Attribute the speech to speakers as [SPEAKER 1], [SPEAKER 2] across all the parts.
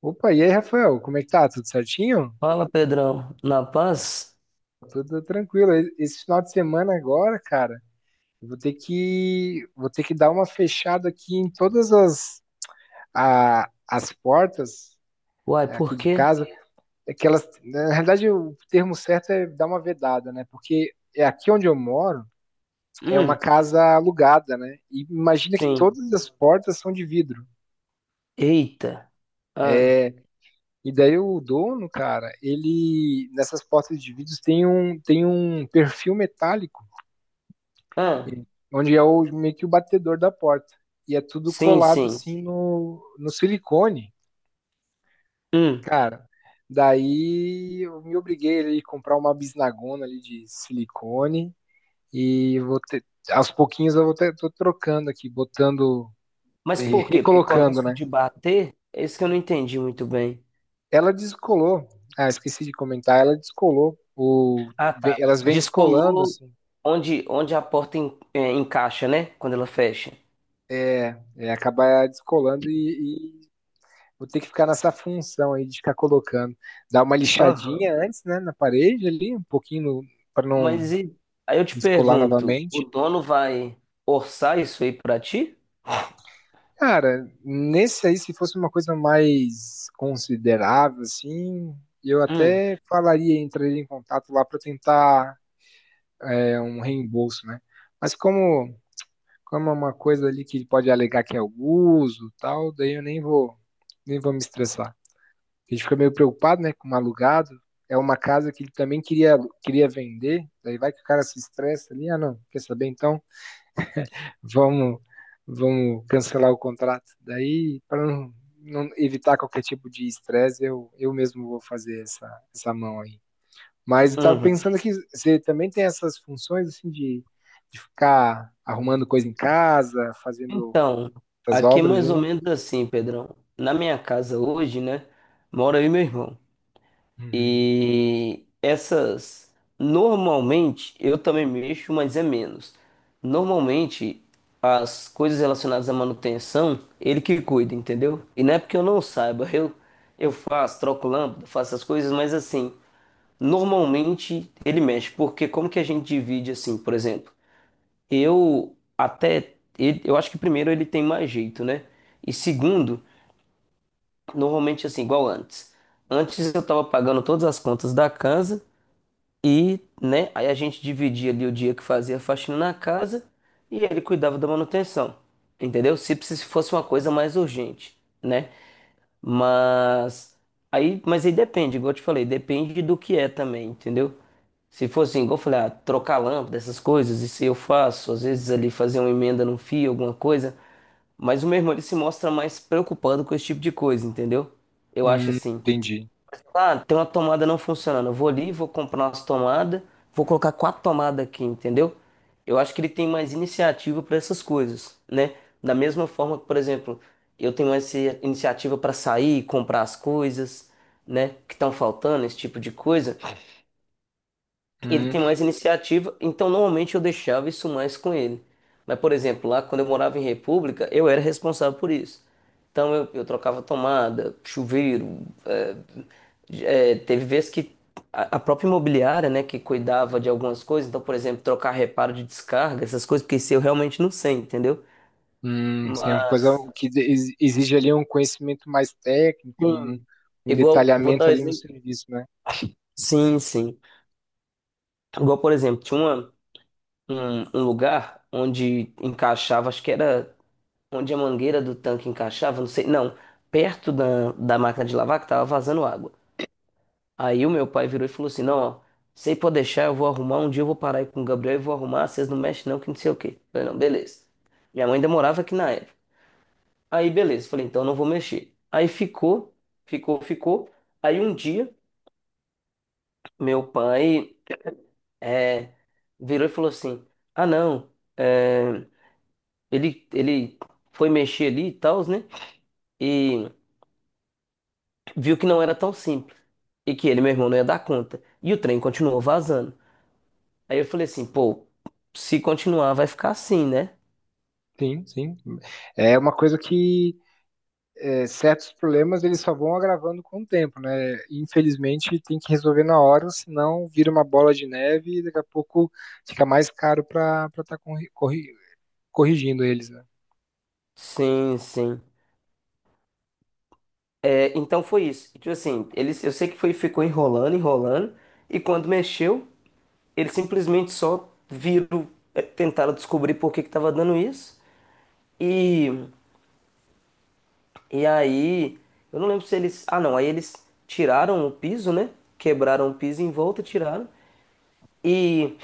[SPEAKER 1] Opa, e aí, Rafael, como é que tá? Tudo certinho?
[SPEAKER 2] Fala, Pedrão. Na paz?
[SPEAKER 1] Tudo tranquilo. Esse final de semana agora, cara, eu vou ter que dar uma fechada aqui em todas as as portas
[SPEAKER 2] Uai,
[SPEAKER 1] é, aqui
[SPEAKER 2] por
[SPEAKER 1] de
[SPEAKER 2] quê?
[SPEAKER 1] casa. É que elas, na realidade, o termo certo é dar uma vedada, né? Porque é aqui onde eu moro é uma
[SPEAKER 2] Hum,
[SPEAKER 1] casa alugada, né? E imagina que
[SPEAKER 2] sim.
[SPEAKER 1] todas as portas são de vidro.
[SPEAKER 2] Eita. Ah,
[SPEAKER 1] E daí o dono, cara, ele nessas portas de vidro tem um perfil metálico.
[SPEAKER 2] ah,
[SPEAKER 1] E- Onde é o, meio que o batedor da porta. E é tudo
[SPEAKER 2] sim,
[SPEAKER 1] colado
[SPEAKER 2] sim.
[SPEAKER 1] assim no silicone,
[SPEAKER 2] Hum.
[SPEAKER 1] cara. Daí eu me obriguei ali a comprar uma bisnagona ali de silicone e vou ter, aos pouquinhos eu vou ter, tô trocando aqui, botando,
[SPEAKER 2] Mas por quê? Porque corre
[SPEAKER 1] recolocando,
[SPEAKER 2] risco
[SPEAKER 1] né?
[SPEAKER 2] de bater? É isso que eu não entendi muito bem.
[SPEAKER 1] Ela descolou. Ah, esqueci de comentar, ela descolou. O,
[SPEAKER 2] Ah, tá.
[SPEAKER 1] elas vêm descolando,
[SPEAKER 2] Descolou
[SPEAKER 1] assim,
[SPEAKER 2] onde, onde a porta encaixa, né? Quando ela fecha.
[SPEAKER 1] acaba descolando e, vou ter que ficar nessa função aí de ficar colocando. Dar uma
[SPEAKER 2] Aham.
[SPEAKER 1] lixadinha antes, né, na parede ali, um pouquinho para não
[SPEAKER 2] Mas e... Aí eu te
[SPEAKER 1] descolar
[SPEAKER 2] pergunto, o
[SPEAKER 1] novamente.
[SPEAKER 2] dono vai orçar isso aí pra ti?
[SPEAKER 1] Cara, nesse aí, se fosse uma coisa mais considerável, assim, eu
[SPEAKER 2] Hum.
[SPEAKER 1] até falaria lá para tentar um reembolso, né? Mas como, como é uma coisa ali que ele pode alegar que é o uso e tal, daí eu nem vou, nem vou me estressar. A gente fica meio preocupado, né, com o alugado. É uma casa que ele também queria vender. Daí vai que o cara se estressa ali. Ah, não, quer saber? Então, vamos, vamos cancelar o contrato. Daí, para não evitar qualquer tipo de estresse, eu mesmo vou fazer essa mão aí. Mas eu tava
[SPEAKER 2] Uhum.
[SPEAKER 1] pensando que você também tem essas funções assim de ficar arrumando coisa em casa, fazendo
[SPEAKER 2] Então,
[SPEAKER 1] essas
[SPEAKER 2] aqui é
[SPEAKER 1] obras
[SPEAKER 2] mais ou
[SPEAKER 1] aí.
[SPEAKER 2] menos assim, Pedrão. Na minha casa hoje, né, mora eu e meu irmão.
[SPEAKER 1] Uhum.
[SPEAKER 2] E essas, normalmente, eu também mexo, mas é menos. Normalmente, as coisas relacionadas à manutenção, ele que cuida, entendeu? E não é porque eu não saiba, eu faço, troco lâmpada, faço as coisas, mas assim, normalmente ele mexe, porque como que a gente divide assim, por exemplo? Eu acho que primeiro ele tem mais jeito, né? E segundo, normalmente assim, igual antes. Antes eu tava pagando todas as contas da casa e, né? Aí a gente dividia ali o dia que fazia a faxina na casa e ele cuidava da manutenção. Entendeu? Se precis- fosse uma coisa mais urgente, né? Mas mas aí depende, igual eu te falei, depende do que é também, entendeu? Se fosse assim, igual eu falei, ah, trocar lâmpada, essas coisas, isso eu faço, às vezes ali fazer uma emenda num fio, alguma coisa, mas o meu irmão ele se mostra mais preocupado com esse tipo de coisa, entendeu? Eu acho assim,
[SPEAKER 1] Entendi.
[SPEAKER 2] ah, tem uma tomada não funcionando, eu vou ali, vou comprar umas tomadas, vou colocar quatro tomadas aqui, entendeu? Eu acho que ele tem mais iniciativa para essas coisas, né? Da mesma forma que, por exemplo, eu tenho essa iniciativa para sair, comprar as coisas, né, que estão faltando, esse tipo de coisa ele
[SPEAKER 1] Hum.
[SPEAKER 2] tem mais iniciativa, então normalmente eu deixava isso mais com ele. Mas, por exemplo, lá quando eu morava em República, eu era responsável por isso. Então eu trocava tomada, chuveiro. é, Teve vezes que a própria imobiliária, né, que cuidava de algumas coisas, então, por exemplo, trocar reparo de descarga, essas coisas, porque isso eu realmente não sei, entendeu?
[SPEAKER 1] Sim, é uma coisa
[SPEAKER 2] Mas,
[SPEAKER 1] que exige ali um conhecimento mais técnico, um,
[SPEAKER 2] sim,
[SPEAKER 1] um
[SPEAKER 2] igual, vou dar um
[SPEAKER 1] detalhamento ali no
[SPEAKER 2] exemplo.
[SPEAKER 1] serviço, né?
[SPEAKER 2] Sim, sim. Igual, por exemplo, um lugar onde encaixava, acho que era. Onde a mangueira do tanque encaixava, não sei, não, perto da máquina de lavar que tava vazando água. Aí o meu pai virou e falou assim: Não, ó, sei pode deixar, eu vou arrumar. Um dia eu vou parar aí com o Gabriel e vou arrumar. Vocês não mexem, não, que não sei o quê. Eu falei: Não, beleza. Minha mãe ainda morava aqui na época. Aí, beleza. Falei: Então não vou mexer. Aí ficou. Aí um dia, meu pai é, virou e falou assim: Ah, não, é, ele foi mexer ali e tal, né? E viu que não era tão simples, e que ele, meu irmão, não ia dar conta. E o trem continuou vazando. Aí eu falei assim, pô, se continuar vai ficar assim, né?
[SPEAKER 1] Sim, sim. É uma coisa que é, certos problemas eles só vão agravando com o tempo, né? Infelizmente tem que resolver na hora, senão vira uma bola de neve e daqui a pouco fica mais caro para estar corrigindo eles, né?
[SPEAKER 2] Sim, sim. É, então foi isso. E, tipo assim, eles, eu sei que foi, ficou enrolando, e quando mexeu, eles simplesmente só viram, é, tentaram descobrir por que que tava dando isso. E, e aí, eu não lembro se eles. Ah, não, aí eles tiraram o piso, né? Quebraram o piso em volta, tiraram. E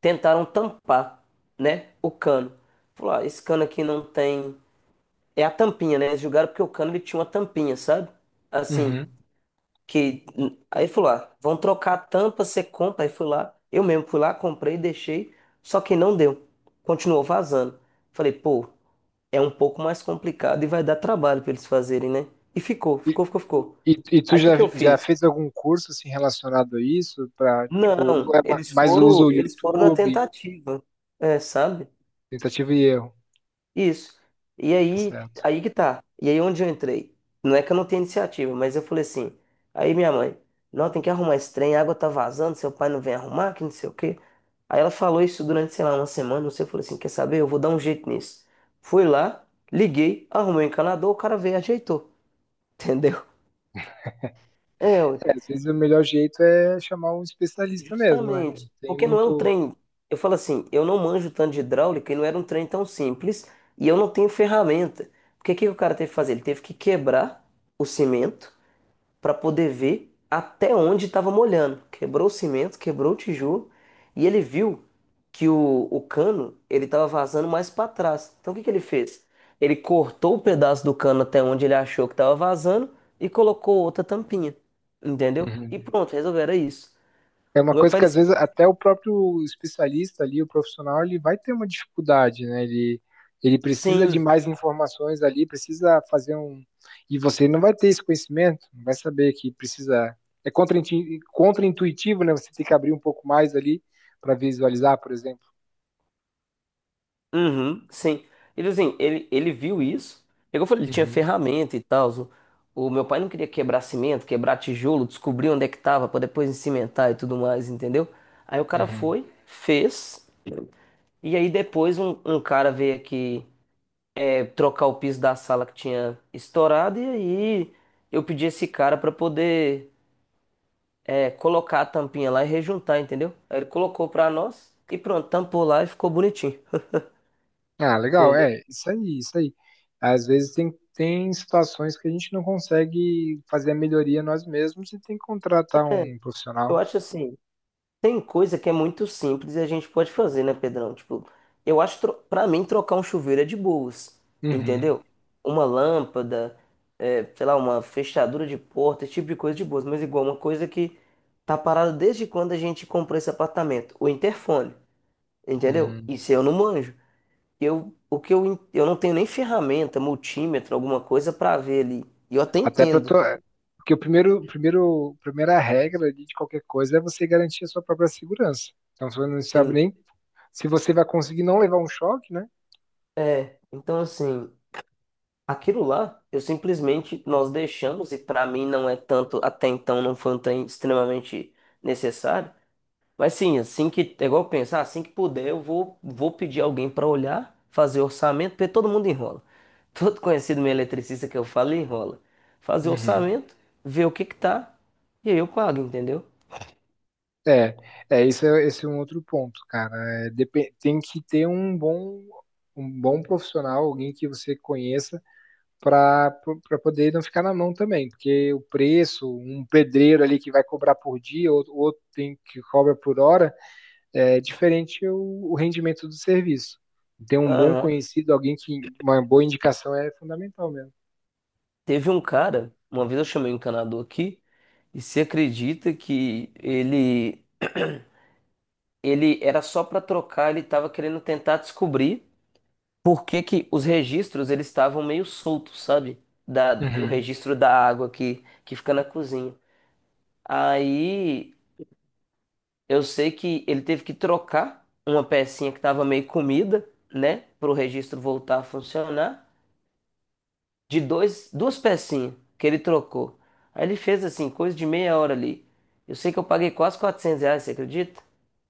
[SPEAKER 2] tentaram tampar, né, o cano. Falou, ah, esse cano aqui não tem... É a tampinha, né? Eles julgaram porque o cano ele tinha uma tampinha, sabe? Assim,
[SPEAKER 1] Uhum.
[SPEAKER 2] que... Aí falou, ah, vão trocar a tampa, você compra. Aí fui lá, eu mesmo fui lá, comprei, deixei. Só que não deu. Continuou vazando. Falei, pô, é um pouco mais complicado e vai dar trabalho pra eles fazerem, né? E
[SPEAKER 1] E,
[SPEAKER 2] ficou.
[SPEAKER 1] e tu
[SPEAKER 2] Aí o que que eu
[SPEAKER 1] já
[SPEAKER 2] fiz?
[SPEAKER 1] fez algum curso assim, relacionado a isso? Para tipo,
[SPEAKER 2] Não,
[SPEAKER 1] ou é mais usa o
[SPEAKER 2] eles foram na
[SPEAKER 1] YouTube,
[SPEAKER 2] tentativa, é, sabe?
[SPEAKER 1] tentativa e erro?
[SPEAKER 2] Isso. E
[SPEAKER 1] Tá
[SPEAKER 2] aí,
[SPEAKER 1] certo.
[SPEAKER 2] aí que tá. E aí onde eu entrei? Não é que eu não tenha iniciativa, mas eu falei assim. Aí minha mãe, não, tem que arrumar esse trem, a água tá vazando, seu pai não vem arrumar, que não sei o quê. Aí ela falou isso durante, sei lá, uma semana, não sei, eu falei assim, quer saber? Eu vou dar um jeito nisso. Fui lá, liguei, arrumei o encanador, o cara veio, e ajeitou. Entendeu? É,
[SPEAKER 1] É, às vezes o melhor jeito é chamar um especialista mesmo, né? Não
[SPEAKER 2] justamente,
[SPEAKER 1] tem
[SPEAKER 2] porque não é um
[SPEAKER 1] muito.
[SPEAKER 2] trem. Eu falo assim, eu não manjo tanto de hidráulica e não era um trem tão simples e eu não tenho ferramenta. Porque o que que o cara teve que fazer? Ele teve que quebrar o cimento para poder ver até onde estava molhando. Quebrou o cimento, quebrou o tijolo e ele viu que o cano ele estava vazando mais para trás. Então o que que ele fez? Ele cortou o pedaço do cano até onde ele achou que estava vazando e colocou outra tampinha, entendeu? E
[SPEAKER 1] Uhum.
[SPEAKER 2] pronto, resolveram isso.
[SPEAKER 1] É uma
[SPEAKER 2] O meu
[SPEAKER 1] coisa
[SPEAKER 2] pai
[SPEAKER 1] que
[SPEAKER 2] ele
[SPEAKER 1] às
[SPEAKER 2] se
[SPEAKER 1] vezes até o próprio especialista ali, o profissional, ele vai ter uma dificuldade, né? Ele precisa de
[SPEAKER 2] sim,
[SPEAKER 1] mais informações ali, precisa fazer um. E você não vai ter esse conhecimento, não vai saber que precisa. É contraintuitivo, né? Você tem que abrir um pouco mais ali para visualizar, por exemplo.
[SPEAKER 2] uhum, sim. Ele assim, ele viu isso. Pegou, e falou, ele tinha
[SPEAKER 1] Uhum.
[SPEAKER 2] ferramenta e tal. O meu pai não queria quebrar cimento, quebrar tijolo, descobrir onde é que tava pra depois cimentar e tudo mais, entendeu? Aí o cara
[SPEAKER 1] Uhum.
[SPEAKER 2] foi, fez. E aí depois um cara veio aqui trocar o piso da sala que tinha estourado e aí eu pedi esse cara pra poder colocar a tampinha lá e rejuntar, entendeu? Aí ele colocou pra nós e pronto, tampou lá e ficou bonitinho,
[SPEAKER 1] Ah, legal.
[SPEAKER 2] entendeu?
[SPEAKER 1] É, isso aí, isso aí. Às vezes tem situações que a gente não consegue fazer a melhoria nós mesmos e tem que contratar um
[SPEAKER 2] Eu
[SPEAKER 1] profissional.
[SPEAKER 2] acho assim, tem coisa que é muito simples e a gente pode fazer, né, Pedrão? Tipo, eu acho, pra mim, trocar um chuveiro é de boas,
[SPEAKER 1] Uhum.
[SPEAKER 2] entendeu? Uma lâmpada, é, sei lá, uma fechadura de porta, esse tipo de coisa de boas. Mas igual, uma coisa que tá parada desde quando a gente comprou esse apartamento, o interfone, entendeu?
[SPEAKER 1] Hum.
[SPEAKER 2] Isso eu não manjo. Eu, o que eu, en- Eu não tenho nem ferramenta, multímetro, alguma coisa pra ver ali. E eu até
[SPEAKER 1] Até para
[SPEAKER 2] entendo.
[SPEAKER 1] to... Porque o primeiro, primeira regra ali de qualquer coisa é você garantir a sua própria segurança. Então você não sabe
[SPEAKER 2] Sim.
[SPEAKER 1] nem se você vai conseguir não levar um choque, né?
[SPEAKER 2] É, então assim. Aquilo lá, eu simplesmente nós deixamos, e para mim não é tanto, até então não foi um trem extremamente necessário, mas sim, assim que, é igual pensar, assim que puder, eu vou, vou pedir alguém para olhar, fazer orçamento, porque todo mundo enrola. Todo conhecido meu eletricista que eu falo enrola. Fazer
[SPEAKER 1] Uhum.
[SPEAKER 2] orçamento, ver o que que tá, e aí eu pago, entendeu?
[SPEAKER 1] É, esse é um outro ponto, cara. É, tem que ter um bom profissional, alguém que você conheça para poder não ficar na mão também, porque o preço, um pedreiro ali que vai cobrar por dia, outro tem que cobra por hora, é diferente o rendimento do serviço. Ter um bom
[SPEAKER 2] Aham.
[SPEAKER 1] conhecido, alguém que uma boa indicação é fundamental mesmo.
[SPEAKER 2] Teve um cara, uma vez eu chamei um encanador aqui, e você acredita que ele. Ele era só para trocar, ele tava querendo tentar descobrir por que que os registros eles estavam meio soltos, sabe? Da, o
[SPEAKER 1] Uhum.
[SPEAKER 2] registro da água que fica na cozinha. Aí eu sei que ele teve que trocar uma pecinha que tava meio comida, né? Para o registro voltar a funcionar, de dois, duas pecinhas que ele trocou. Aí ele fez assim, coisa de meia hora ali. Eu sei que eu paguei quase R$ 400, você acredita?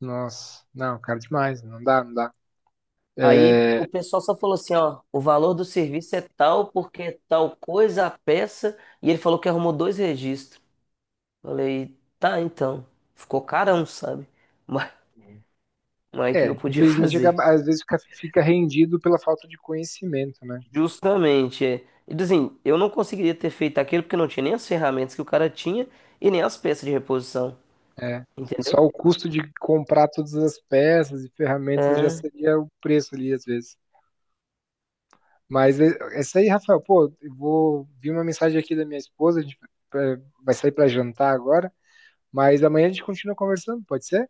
[SPEAKER 1] Nossa, não, cara, demais, não dá.
[SPEAKER 2] Aí o
[SPEAKER 1] É,
[SPEAKER 2] pessoal só falou assim, ó, o valor do serviço é tal porque é tal coisa a peça, e ele falou que arrumou dois registros. Falei, tá, então. Ficou carão, sabe? Mas, mas o que eu podia
[SPEAKER 1] infelizmente
[SPEAKER 2] fazer?
[SPEAKER 1] às vezes fica rendido pela falta de conhecimento, né?
[SPEAKER 2] Justamente, é. E assim, eu não conseguiria ter feito aquilo porque não tinha nem as ferramentas que o cara tinha e nem as peças de reposição,
[SPEAKER 1] É. Só
[SPEAKER 2] entendeu?
[SPEAKER 1] o custo de comprar todas as peças e ferramentas já
[SPEAKER 2] É,
[SPEAKER 1] seria o preço ali, às vezes. Mas é isso aí, Rafael. Pô, eu vou vi uma mensagem aqui da minha esposa, a gente eh, vai sair para jantar agora, mas amanhã a gente continua conversando, pode ser?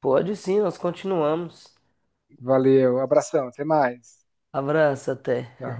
[SPEAKER 2] pode sim, nós continuamos.
[SPEAKER 1] Valeu, abração, até mais.
[SPEAKER 2] Abraço, até.
[SPEAKER 1] Tchau.